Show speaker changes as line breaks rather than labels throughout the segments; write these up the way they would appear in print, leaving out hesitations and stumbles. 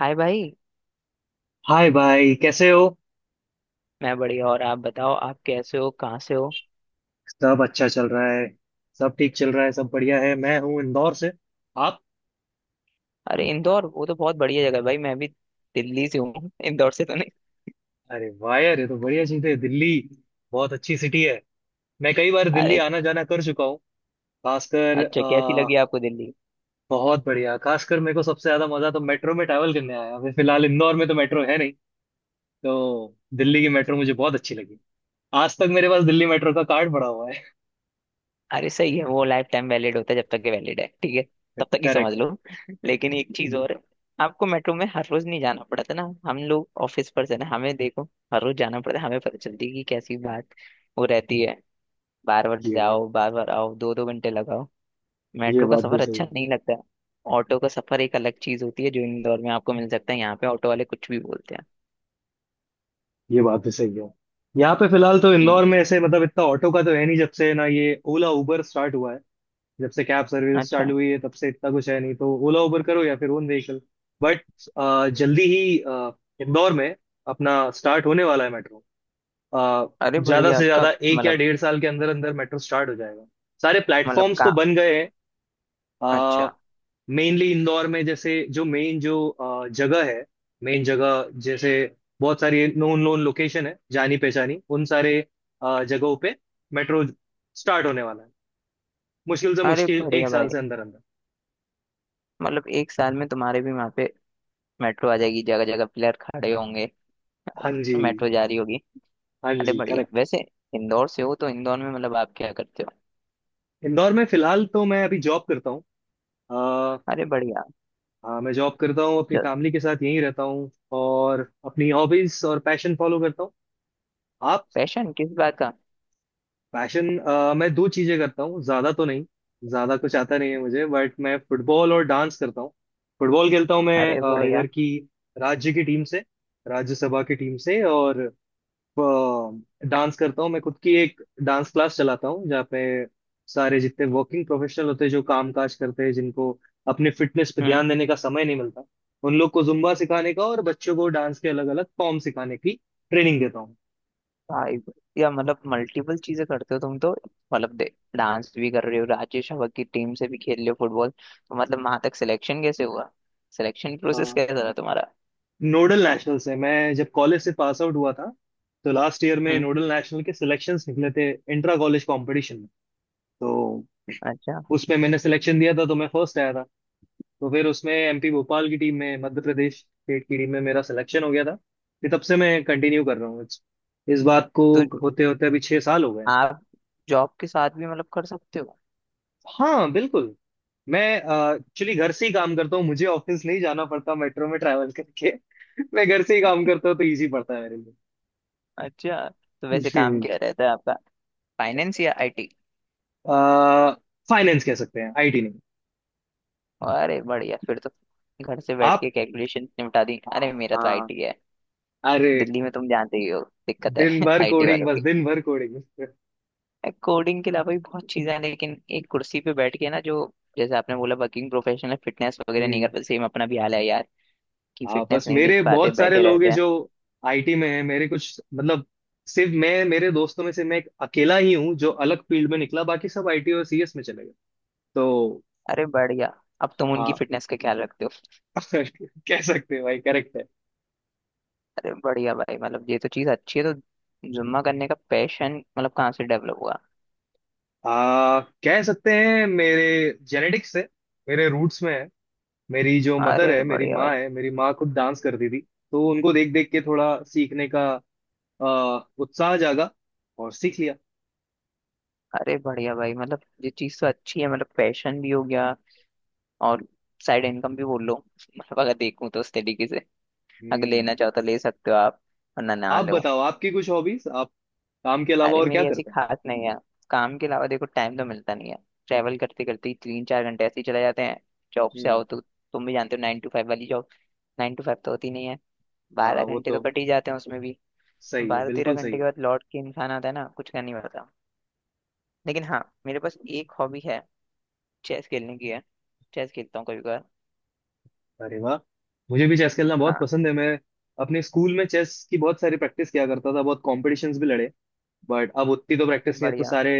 हाय भाई।
हाय भाई कैसे हो?
मैं बढ़िया, और आप बताओ, आप कैसे हो, कहाँ से हो?
सब अच्छा चल रहा है। सब ठीक चल रहा है। सब बढ़िया है। मैं हूँ इंदौर से। आप?
अरे इंदौर! वो तो बहुत बढ़िया जगह है भाई। मैं भी दिल्ली से हूँ इंदौर से तो नहीं।
अरे वाह यार, ये तो बढ़िया चीज है। दिल्ली बहुत अच्छी सिटी है। मैं कई बार दिल्ली
अरे
आना जाना कर चुका हूँ। खासकर
अच्छा, कैसी लगी आपको दिल्ली?
बहुत बढ़िया। खासकर मेरे को सबसे ज्यादा मजा तो मेट्रो में ट्रैवल करने आया। अभी फिलहाल इंदौर में तो मेट्रो है नहीं, तो दिल्ली की मेट्रो मुझे बहुत अच्छी लगी। आज तक मेरे पास दिल्ली मेट्रो का कार्ड पड़ा हुआ है।
अरे सही है, वो लाइफ टाइम वैलिड होता है, जब तक ये वैलिड है ठीक है, तब तक ही समझ
करेक्ट।
लो। लेकिन एक चीज और है, आपको मेट्रो में हर रोज नहीं जाना पड़ता ना। हम लोग ऑफिस पर से ना, हमें देखो, हर रोज जाना पड़ता है, हमें पता चलती है कि कैसी बात वो रहती है। बार बार
ये बात।
जाओ, बार बार आओ, दो दो घंटे लगाओ,
ये
मेट्रो का
बात भी
सफर
सही
अच्छा
है।
नहीं लगता है। ऑटो का सफर एक अलग चीज होती है, जो इंदौर में आपको मिल सकता है, यहाँ पे ऑटो वाले कुछ भी बोलते हैं।
ये बात भी सही है। यहाँ पे फिलहाल तो
हम्म।
इंदौर में ऐसे मतलब इतना ऑटो का तो है नहीं, जब से ना ये ओला उबर स्टार्ट हुआ है। जब से कैब सर्विस
अच्छा।
चालू हुई है तब से इतना कुछ है नहीं, तो ओला उबर करो या फिर ओन व्हीकल। बट जल्दी ही इंदौर में अपना स्टार्ट होने वाला है मेट्रो।
अरे
ज्यादा
बढ़िया,
से ज्यादा
कब
एक या
मतलब?
डेढ़ साल के अंदर अंदर मेट्रो स्टार्ट हो जाएगा। सारे
मतलब
प्लेटफॉर्म्स तो
का?
बन गए हैं।
अच्छा।
मेनली इंदौर में, जैसे जो मेन, जो जगह है, मेन जगह जैसे बहुत सारी नोन नोन लोकेशन है, जानी पहचानी, उन सारे जगहों पे मेट्रो स्टार्ट होने वाला है। मुश्किल से
अरे
मुश्किल एक
बढ़िया
साल
भाई,
से अंदर अंदर।
मतलब एक साल में तुम्हारे भी वहाँ पे मेट्रो आ जाएगी, जगह जगह पिलर खड़े होंगे,
हाँ जी।
मेट्रो जा रही होगी।
हाँ
अरे
जी,
बढ़िया।
करेक्ट।
वैसे इंदौर से हो तो इंदौर में मतलब आप क्या करते हो?
इंदौर में फिलहाल तो मैं अभी जॉब करता हूँ। अ,
अरे बढ़िया।
हाँ, मैं जॉब करता हूँ, अपनी
चल।
फैमिली के साथ यहीं रहता हूँ। और अपनी हॉबीज और पैशन फॉलो करता हूँ। आप?
पैशन किस बात का?
पैशन मैं दो चीजें करता हूँ, ज्यादा तो नहीं। ज्यादा कुछ आता नहीं है मुझे, बट मैं फुटबॉल और डांस करता हूँ। फुटबॉल खेलता हूँ मैं
अरे बढ़िया।
इधर की राज्य की टीम से, राज्यसभा की टीम से। और अ, डांस करता हूँ। मैं खुद की एक डांस क्लास चलाता हूँ जहाँ पे सारे जितने वर्किंग प्रोफेशनल होते हैं, जो काम काज करते हैं, जिनको अपने फिटनेस पे
हम्म।
ध्यान देने का समय नहीं मिलता, उन लोग को जुम्बा सिखाने का और बच्चों को डांस के अलग अलग फॉर्म सिखाने की ट्रेनिंग देता हूँ।
भाई, या मतलब मल्टीपल चीजें करते हो तुम तो, मतलब दे डांस भी कर रहे हो, राजेश हवा की टीम से भी खेल रहे हो फुटबॉल, तो मतलब वहां तक सिलेक्शन कैसे हुआ? सिलेक्शन प्रोसेस
Uh,
कैसा था तुम्हारा?
नोडल नेशनल से, मैं जब कॉलेज से पास आउट हुआ था तो लास्ट ईयर में
हम्म।
नोडल नेशनल के सिलेक्शंस निकले थे इंट्रा कॉलेज कंपटीशन में। तो
अच्छा,
उसमें मैंने सिलेक्शन दिया था तो मैं फर्स्ट आया था। तो फिर उसमें एमपी भोपाल की टीम में, मध्य प्रदेश स्टेट की टीम में मेरा सिलेक्शन हो गया था। फिर तब से मैं कंटिन्यू कर रहा हूँ इस बात को।
तो
होते होते अभी 6 साल हो गए।
आप जॉब के साथ भी मतलब कर सकते हो?
हाँ बिल्कुल। मैं एक्चुअली घर से ही काम करता हूँ, मुझे ऑफिस नहीं जाना पड़ता मेट्रो में ट्रैवल करके। मैं घर से ही काम करता हूँ तो इजी पड़ता है मेरे
अच्छा, तो वैसे
लिए।
काम क्या रहता है आपका? फाइनेंस या आईटी?
फाइनेंस कह सकते हैं, आईटी नहीं।
अरे बढ़िया, फिर तो घर से बैठ
आप।
के कैलकुलेशन निपटा दी। अरे मेरा तो
हाँ।
आईटी है।
अरे।
दिल्ली में तुम जानते ही हो दिक्कत
दिन
है
भर
आईटी
कोडिंग,
वालों
बस
की।
दिन भर कोडिंग।
कोडिंग के अलावा भी बहुत चीजें हैं, लेकिन एक कुर्सी पे बैठ के ना, जो जैसे आपने बोला, वर्किंग प्रोफेशनल फिटनेस वगैरह नहीं
हम्म।
करते, सेम अपना भी हाल है यार, कि
हाँ बस,
फिटनेस नहीं देख
मेरे
पाते,
बहुत सारे
बैठे
लोग
रहते
हैं
हैं।
जो आईटी में हैं। मेरे कुछ मतलब, सिर्फ मैं, मेरे दोस्तों में से मैं एक अकेला ही हूँ जो अलग फील्ड में निकला, बाकी सब आईटी और सीएस में चले गए। तो।
अरे बढ़िया, अब तुम उनकी
हाँ
फिटनेस का ख्याल रखते हो।
कह सकते हैं भाई, करेक्ट है।
अरे बढ़िया भाई, मतलब ये तो चीज अच्छी है, तो जुम्मा करने का पैशन मतलब कहाँ से डेवलप हुआ?
कह सकते हैं मेरे जेनेटिक्स है, मेरे रूट्स में है। मेरी जो मदर
अरे
है, मेरी
बढ़िया भाई।
माँ है, मेरी माँ खुद डांस करती थी। तो उनको देख देख के थोड़ा सीखने का अ, उत्साह जागा और सीख लिया।
अरे बढ़िया भाई, मतलब ये चीज तो अच्छी है, मतलब पैशन भी हो गया, और साइड इनकम भी बोल लो, मतलब अगर देखूं तो उस तरीके से, अगर
हम्म।
लेना चाहो तो ले सकते हो आप, वरना ना
आप
लो।
बताओ, आपकी कुछ हॉबीज, आप काम के अलावा
अरे
और क्या
मेरी ऐसी
करते हैं?
खास नहीं है, काम के अलावा देखो टाइम तो मिलता नहीं है, ट्रैवल करते करते ही 3-4 घंटे ऐसे ही चले जाते हैं। जॉब से
हम्म।
आओ, तो तुम भी जानते हो 9 to 5 वाली जॉब, 9 to 5 तो होती नहीं है,
हाँ
बारह
वो
घंटे तो
तो
कट ही जाते हैं उसमें भी। तो
सही है,
बारह
बिल्कुल
तेरह
सही
घंटे के
है।
बाद लौट के इंसान आता है ना, कुछ करने नहीं पड़ता। लेकिन हाँ, मेरे पास एक हॉबी है, चेस खेलने की है, चेस खेलता हूँ कभी कभार।
अरे वाह, मुझे भी चेस खेलना बहुत
हाँ।
पसंद है। मैं अपने स्कूल में चेस की बहुत सारी प्रैक्टिस किया करता था, बहुत कॉम्पिटिशन्स भी लड़े। बट अब उतनी तो
अरे
प्रैक्टिस नहीं है तो
बढ़िया।
सारे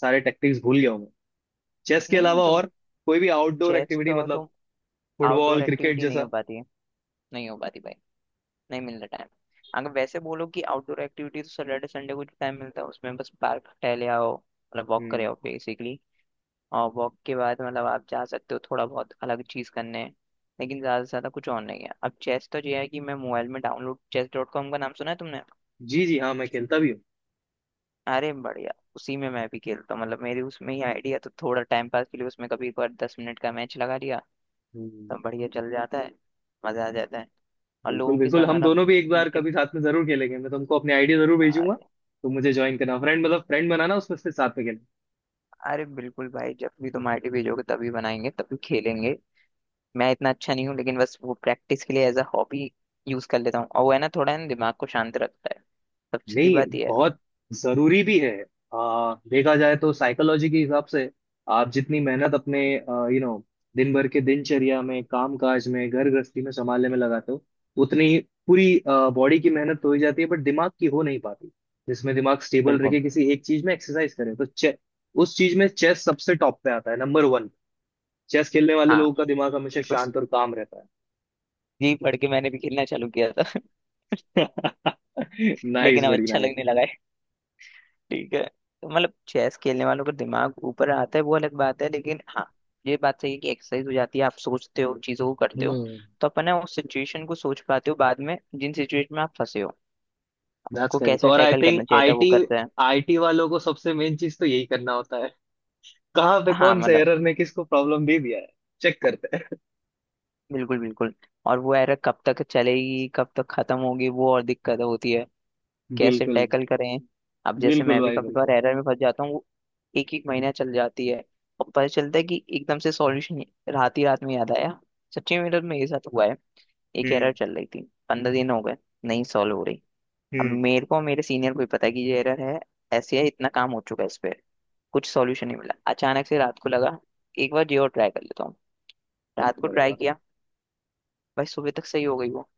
सारे टैक्टिक्स भूल गया हूँ मैं। चेस के
नहीं नहीं
अलावा,
तो,
और कोई भी आउटडोर
चेस
एक्टिविटी
तो
मतलब,
तुम, आउटडोर
फुटबॉल क्रिकेट
एक्टिविटी नहीं हो
जैसा?
पाती है, नहीं हो पाती भाई, नहीं मिल रहा टाइम। अगर वैसे बोलो कि आउटडोर एक्टिविटी, तो सैटरडे संडे को जो टाइम मिलता है उसमें बस पार्क टहले आओ, मतलब वॉक करे
हम्म।
आओ बेसिकली। और वॉक के बाद मतलब आप जा सकते हो थोड़ा बहुत अलग चीज़ करने, लेकिन ज़्यादा से ज़्यादा कुछ और नहीं है। अब चेस तो ये है कि मैं मोबाइल में डाउनलोड, चेस डॉट कॉम का नाम सुना है तुमने?
जी जी, हाँ मैं खेलता भी हूँ।
अरे बढ़िया, उसी में मैं भी खेलता हूँ, मतलब मेरी उसमें ही आइडिया, तो थोड़ा टाइम पास के लिए उसमें कभी एक बार 10 मिनट का मैच लगा लिया,
हम्म।
तो बढ़िया चल जाता है, मज़ा आ जाता है, और
बिल्कुल,
लोगों के
बिल्कुल,
साथ।
हम दोनों भी एक बार कभी साथ में जरूर खेलेंगे, मैं तुमको अपने आइडिया जरूर भेजूंगा।
मतलब।
तुम मुझे ज्वाइन करना, फ्रेंड मतलब फ्रेंड बनाना उसमें से, साथ में।
अरे बिल्कुल भाई, जब भी तुम आईटी भेजोगे तभी बनाएंगे, तभी खेलेंगे। मैं इतना अच्छा नहीं हूँ, लेकिन बस वो प्रैक्टिस के लिए एज अ हॉबी यूज कर लेता हूँ, और वो है ना, थोड़ा है ना, दिमाग को शांत रखता है, सबसे बड़ी
नहीं,
बात ये है।
बहुत जरूरी भी है। देखा जाए तो साइकोलॉजी के हिसाब से, आप जितनी मेहनत अपने, यू नो, दिन भर के दिनचर्या में, काम काज में, घर गृहस्थी में संभालने में लगाते हो, उतनी पूरी बॉडी की मेहनत तो हो ही जाती है, बट दिमाग की हो नहीं पाती। जिसमें दिमाग स्टेबल
बिल्कुल।
रखे किसी एक चीज में एक्सरसाइज करे, तो उस चीज में चेस सबसे टॉप पे आता है, नंबर वन। चेस खेलने वाले
हाँ
लोगों का दिमाग हमेशा
बिल्कुल।
शांत और काम रहता
जी पढ़ के मैंने भी खेलना चालू किया था
है। नाइस,
लेकिन अब
बड़ी
अच्छा लगने लगा है। ठीक है। तो मतलब चेस खेलने वालों का दिमाग ऊपर आता है वो अलग बात है, लेकिन हाँ, ये बात सही है कि एक्सरसाइज हो जाती है, आप सोचते हो, चीजों को करते हो,
नाइस।
तो अपन ना उस सिचुएशन को सोच पाते हो बाद में, जिन सिचुएशन में आप फंसे हो
दैट्स
को
करेक्ट।
कैसे
और आई
टैकल
थिंक
करना चाहिए था, वो
आईटी,
करते हैं।
आईटी वालों को सबसे मेन चीज तो यही करना होता है। कहाँ पे
हाँ
कौन से
मतलब।
एरर ने किसको प्रॉब्लम दे दिया है, चेक करते हैं।
बिल्कुल बिल्कुल। और वो एरा कब तक चलेगी, कब तक खत्म होगी वो, और दिक्कत होती है कैसे
बिल्कुल।
टैकल करें। अब जैसे
बिल्कुल
मैं भी
भाई,
कभी कभार
बिल्कुल।
एरर में फंस जाता हूँ, वो एक एक महीना चल जाती है, और पता चलता है कि एकदम से सॉल्यूशन रात ही रात में याद आया। सच्ची में मेरे में ये साथ हुआ है, एक एरर
हम्म।
चल रही थी, 15 दिन हो गए, नहीं सॉल्व हो रही। अब
हम्म।
मेरे को, मेरे सीनियर को ही पता है कि ये एरर है, ऐसे है, इतना काम हो चुका है इस पे, कुछ सॉल्यूशन नहीं मिला। अचानक से रात को लगा, एक बार ये और ट्राई कर लेता हूँ, रात को
अरे
ट्राई
वाह,
किया, भाई सुबह तक सही हो गई वो।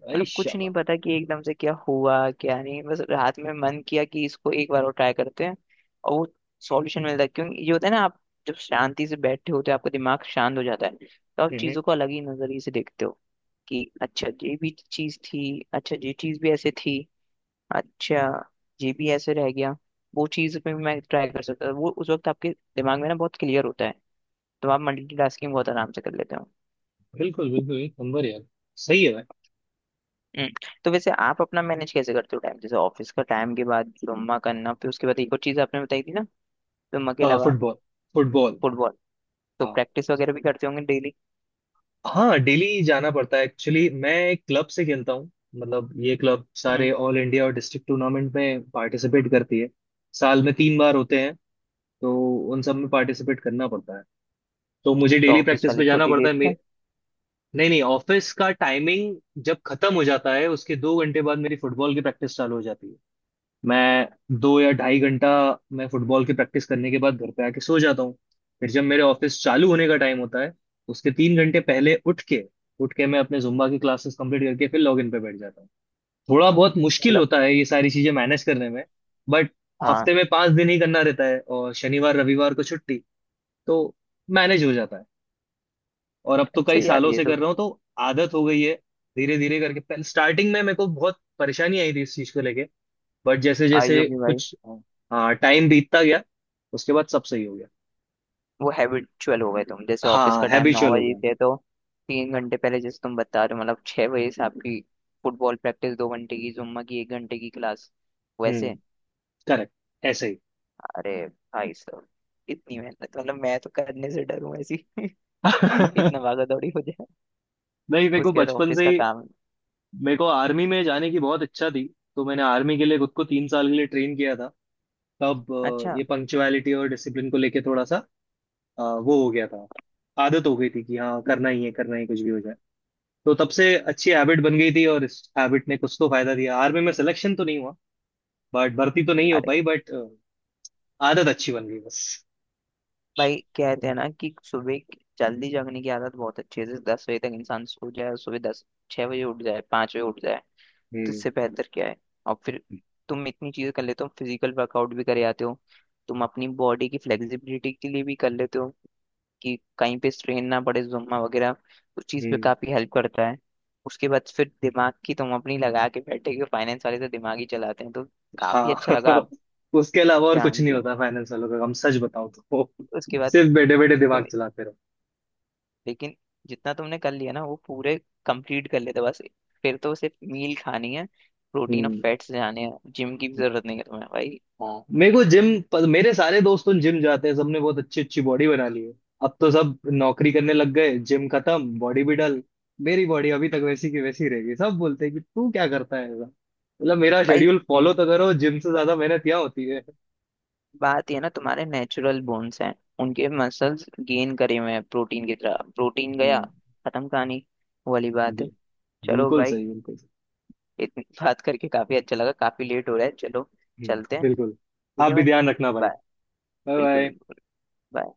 भाई
मतलब कुछ नहीं
शाबाश।
पता कि एकदम से क्या हुआ क्या नहीं, बस रात में मन किया कि इसको एक बार और ट्राई करते हैं, और वो सॉल्यूशन मिलता है। क्योंकि ये होता है ना, आप जब शांति से बैठे होते हो, आपका दिमाग शांत हो जाता है, तो आप
हम्म।
चीज़ों को अलग ही नजरिए से देखते हो, कि अच्छा ये भी चीज़ थी, अच्छा ये चीज़ भी ऐसे थी, अच्छा ये भी ऐसे रह गया, वो चीज़ पे भी मैं ट्राई कर सकता था। वो उस वक्त आपके दिमाग में ना बहुत क्लियर होता है, तो आप मल्टीटास्किंग बहुत आराम से कर लेते हो।
बिल्कुल बिल्कुल, एक नंबर यार। सही है भाई।
हम्म, तो वैसे आप अपना मैनेज कैसे करते हो टाइम, जैसे ऑफिस का टाइम के बाद जुम्मा करना, फिर उसके बाद एक और चीज आपने बताई थी ना, जुम्मा के
हाँ
अलावा?
फुटबॉल। फुटबॉल।
फुटबॉल। तो प्रैक्टिस वगैरह भी करते होंगे डेली?
हाँ डेली जाना पड़ता है, एक्चुअली मैं एक क्लब से खेलता हूँ। मतलब ये क्लब
हम्म।
सारे ऑल इंडिया और डिस्ट्रिक्ट टूर्नामेंट में पार्टिसिपेट करती है। साल में 3 बार होते हैं, तो उन सब में पार्टिसिपेट करना पड़ता है। तो मुझे
तो
डेली
ऑफिस
प्रैक्टिस
वाले
पे जाना
छुट्टी
पड़ता
दे
है
देते हैं?
नहीं नहीं, ऑफिस का टाइमिंग जब खत्म हो जाता है उसके 2 घंटे बाद मेरी फुटबॉल की प्रैक्टिस चालू हो जाती है। मैं दो या ढाई घंटा, मैं फुटबॉल की प्रैक्टिस करने के बाद घर पे आके सो जाता हूँ। फिर जब मेरे ऑफिस चालू होने का टाइम होता है उसके 3 घंटे पहले उठ के, उठ के मैं अपने जुम्बा की क्लासेस कंप्लीट करके फिर लॉगिन पे बैठ जाता हूँ। थोड़ा बहुत मुश्किल
मतलब।
होता है ये सारी चीजें मैनेज करने में, बट
हाँ।
हफ्ते में 5 दिन ही करना रहता है और शनिवार रविवार को छुट्टी, तो मैनेज हो जाता है। और अब तो
अच्छा
कई
यार,
सालों
ये
से
तो
कर रहा हूँ तो आदत हो गई है। धीरे धीरे करके, स्टार्टिंग में मेरे को बहुत परेशानी आई थी इस चीज को लेके, बट जैसे
आई
जैसे
होगी भाई।
कुछ, हाँ, टाइम बीतता गया उसके बाद सब सही हो गया।
वो हैबिचुअल हो गए तुम, जैसे ऑफिस
हाँ
का टाइम नौ
हैबिचुअल हो
बजे
गया।
से है, तो 3 घंटे पहले जैसे तुम बता रहे हो, मतलब 6 बजे से आपकी फुटबॉल प्रैक्टिस, 2 घंटे की, जुम्मा की एक घंटे की क्लास।
हम्म,
वैसे।
करेक्ट, ऐसे ही।
अरे भाई साहब, इतनी मेहनत मतलब मैं तो करने से डरूं ऐसी इतना
नहीं,
भागा दौड़ी हो जाए,
मेरे को
उसके बाद
बचपन
ऑफिस
से
का
ही,
काम।
मेरे को आर्मी में जाने की बहुत इच्छा थी। तो मैंने आर्मी के लिए खुद को 3 साल के लिए ट्रेन किया था, तब
अच्छा।
ये पंक्चुअलिटी और डिसिप्लिन को लेके थोड़ा सा वो हो गया था। आदत हो गई थी कि हाँ करना ही है, करना ही, कुछ भी हो जाए। तो तब से अच्छी हैबिट बन गई थी, और इस हैबिट ने कुछ तो फायदा दिया। आर्मी में सिलेक्शन तो नहीं हुआ, बट भर्ती तो नहीं हो
अरे
पाई, बट आदत अच्छी बन गई बस।
भाई, कहते हैं ना कि जल्दी जगने की आदत बहुत अच्छी है, जैसे 10 बजे तक इंसान सो जाए और सुबह दस, 6 बजे उठ जाए, 5 बजे उठ जाए, तो
हम्म।
इससे बेहतर क्या है। और फिर तुम इतनी चीजें कर लेते हो, फिजिकल वर्कआउट भी करे आते हो, तुम अपनी बॉडी की फ्लेक्सिबिलिटी के लिए भी कर लेते हो कि कहीं पे स्ट्रेन ना पड़े, जुम्मा वगैरह उस चीज पे
हम्म।
काफी हेल्प करता है। उसके बाद फिर दिमाग की तुम अपनी लगा के बैठे हो, फाइनेंस वाले तो दिमाग ही चलाते हैं, तो काफी
हाँ
अच्छा लगा
उसके अलावा और कुछ
जान
नहीं
के।
होता फाइनेंस वालों का काम, सच बताऊं तो।
उसके बाद
सिर्फ बैठे बैठे
तुम,
दिमाग चलाते रहो।
लेकिन जितना तुमने कर लिया ना वो पूरे कंप्लीट कर लेते बस, फिर तो सिर्फ मील खानी है, प्रोटीन और
हम्म।
फैट्स जाने हैं, जिम की भी जरूरत नहीं है तुम्हें भाई।
हाँ, मेरे को जिम, मेरे सारे दोस्तों जिम जाते हैं, सबने बहुत अच्छी अच्छी बॉडी बना ली है। अब तो सब नौकरी करने लग गए, जिम खत्म, बॉडी भी डल। मेरी बॉडी अभी तक वैसी की वैसी रहेगी। सब बोलते हैं कि तू क्या करता है ऐसा, मतलब मेरा
भाई
शेड्यूल
जिम,
फॉलो तो करो, जिम से ज्यादा मेहनत यहाँ होती है।
बात ये है ना, तुम्हारे नेचुरल बोन्स हैं, उनके मसल्स गेन करे हुए हैं, प्रोटीन की तरह प्रोटीन गया,
हम्म।
खत्म कहानी। वो वाली बात
बि-
है। चलो
बिल्कुल
भाई,
सही, बिल्कुल।
इतनी बात करके काफी अच्छा लगा, काफी लेट हो रहा है, चलो चलते हैं।
बिल्कुल।
ठीक
आप
है
भी
भाई,
ध्यान रखना भाई।
बाय।
बाय।
बिल्कुल
बाय।
बिल्कुल। bye।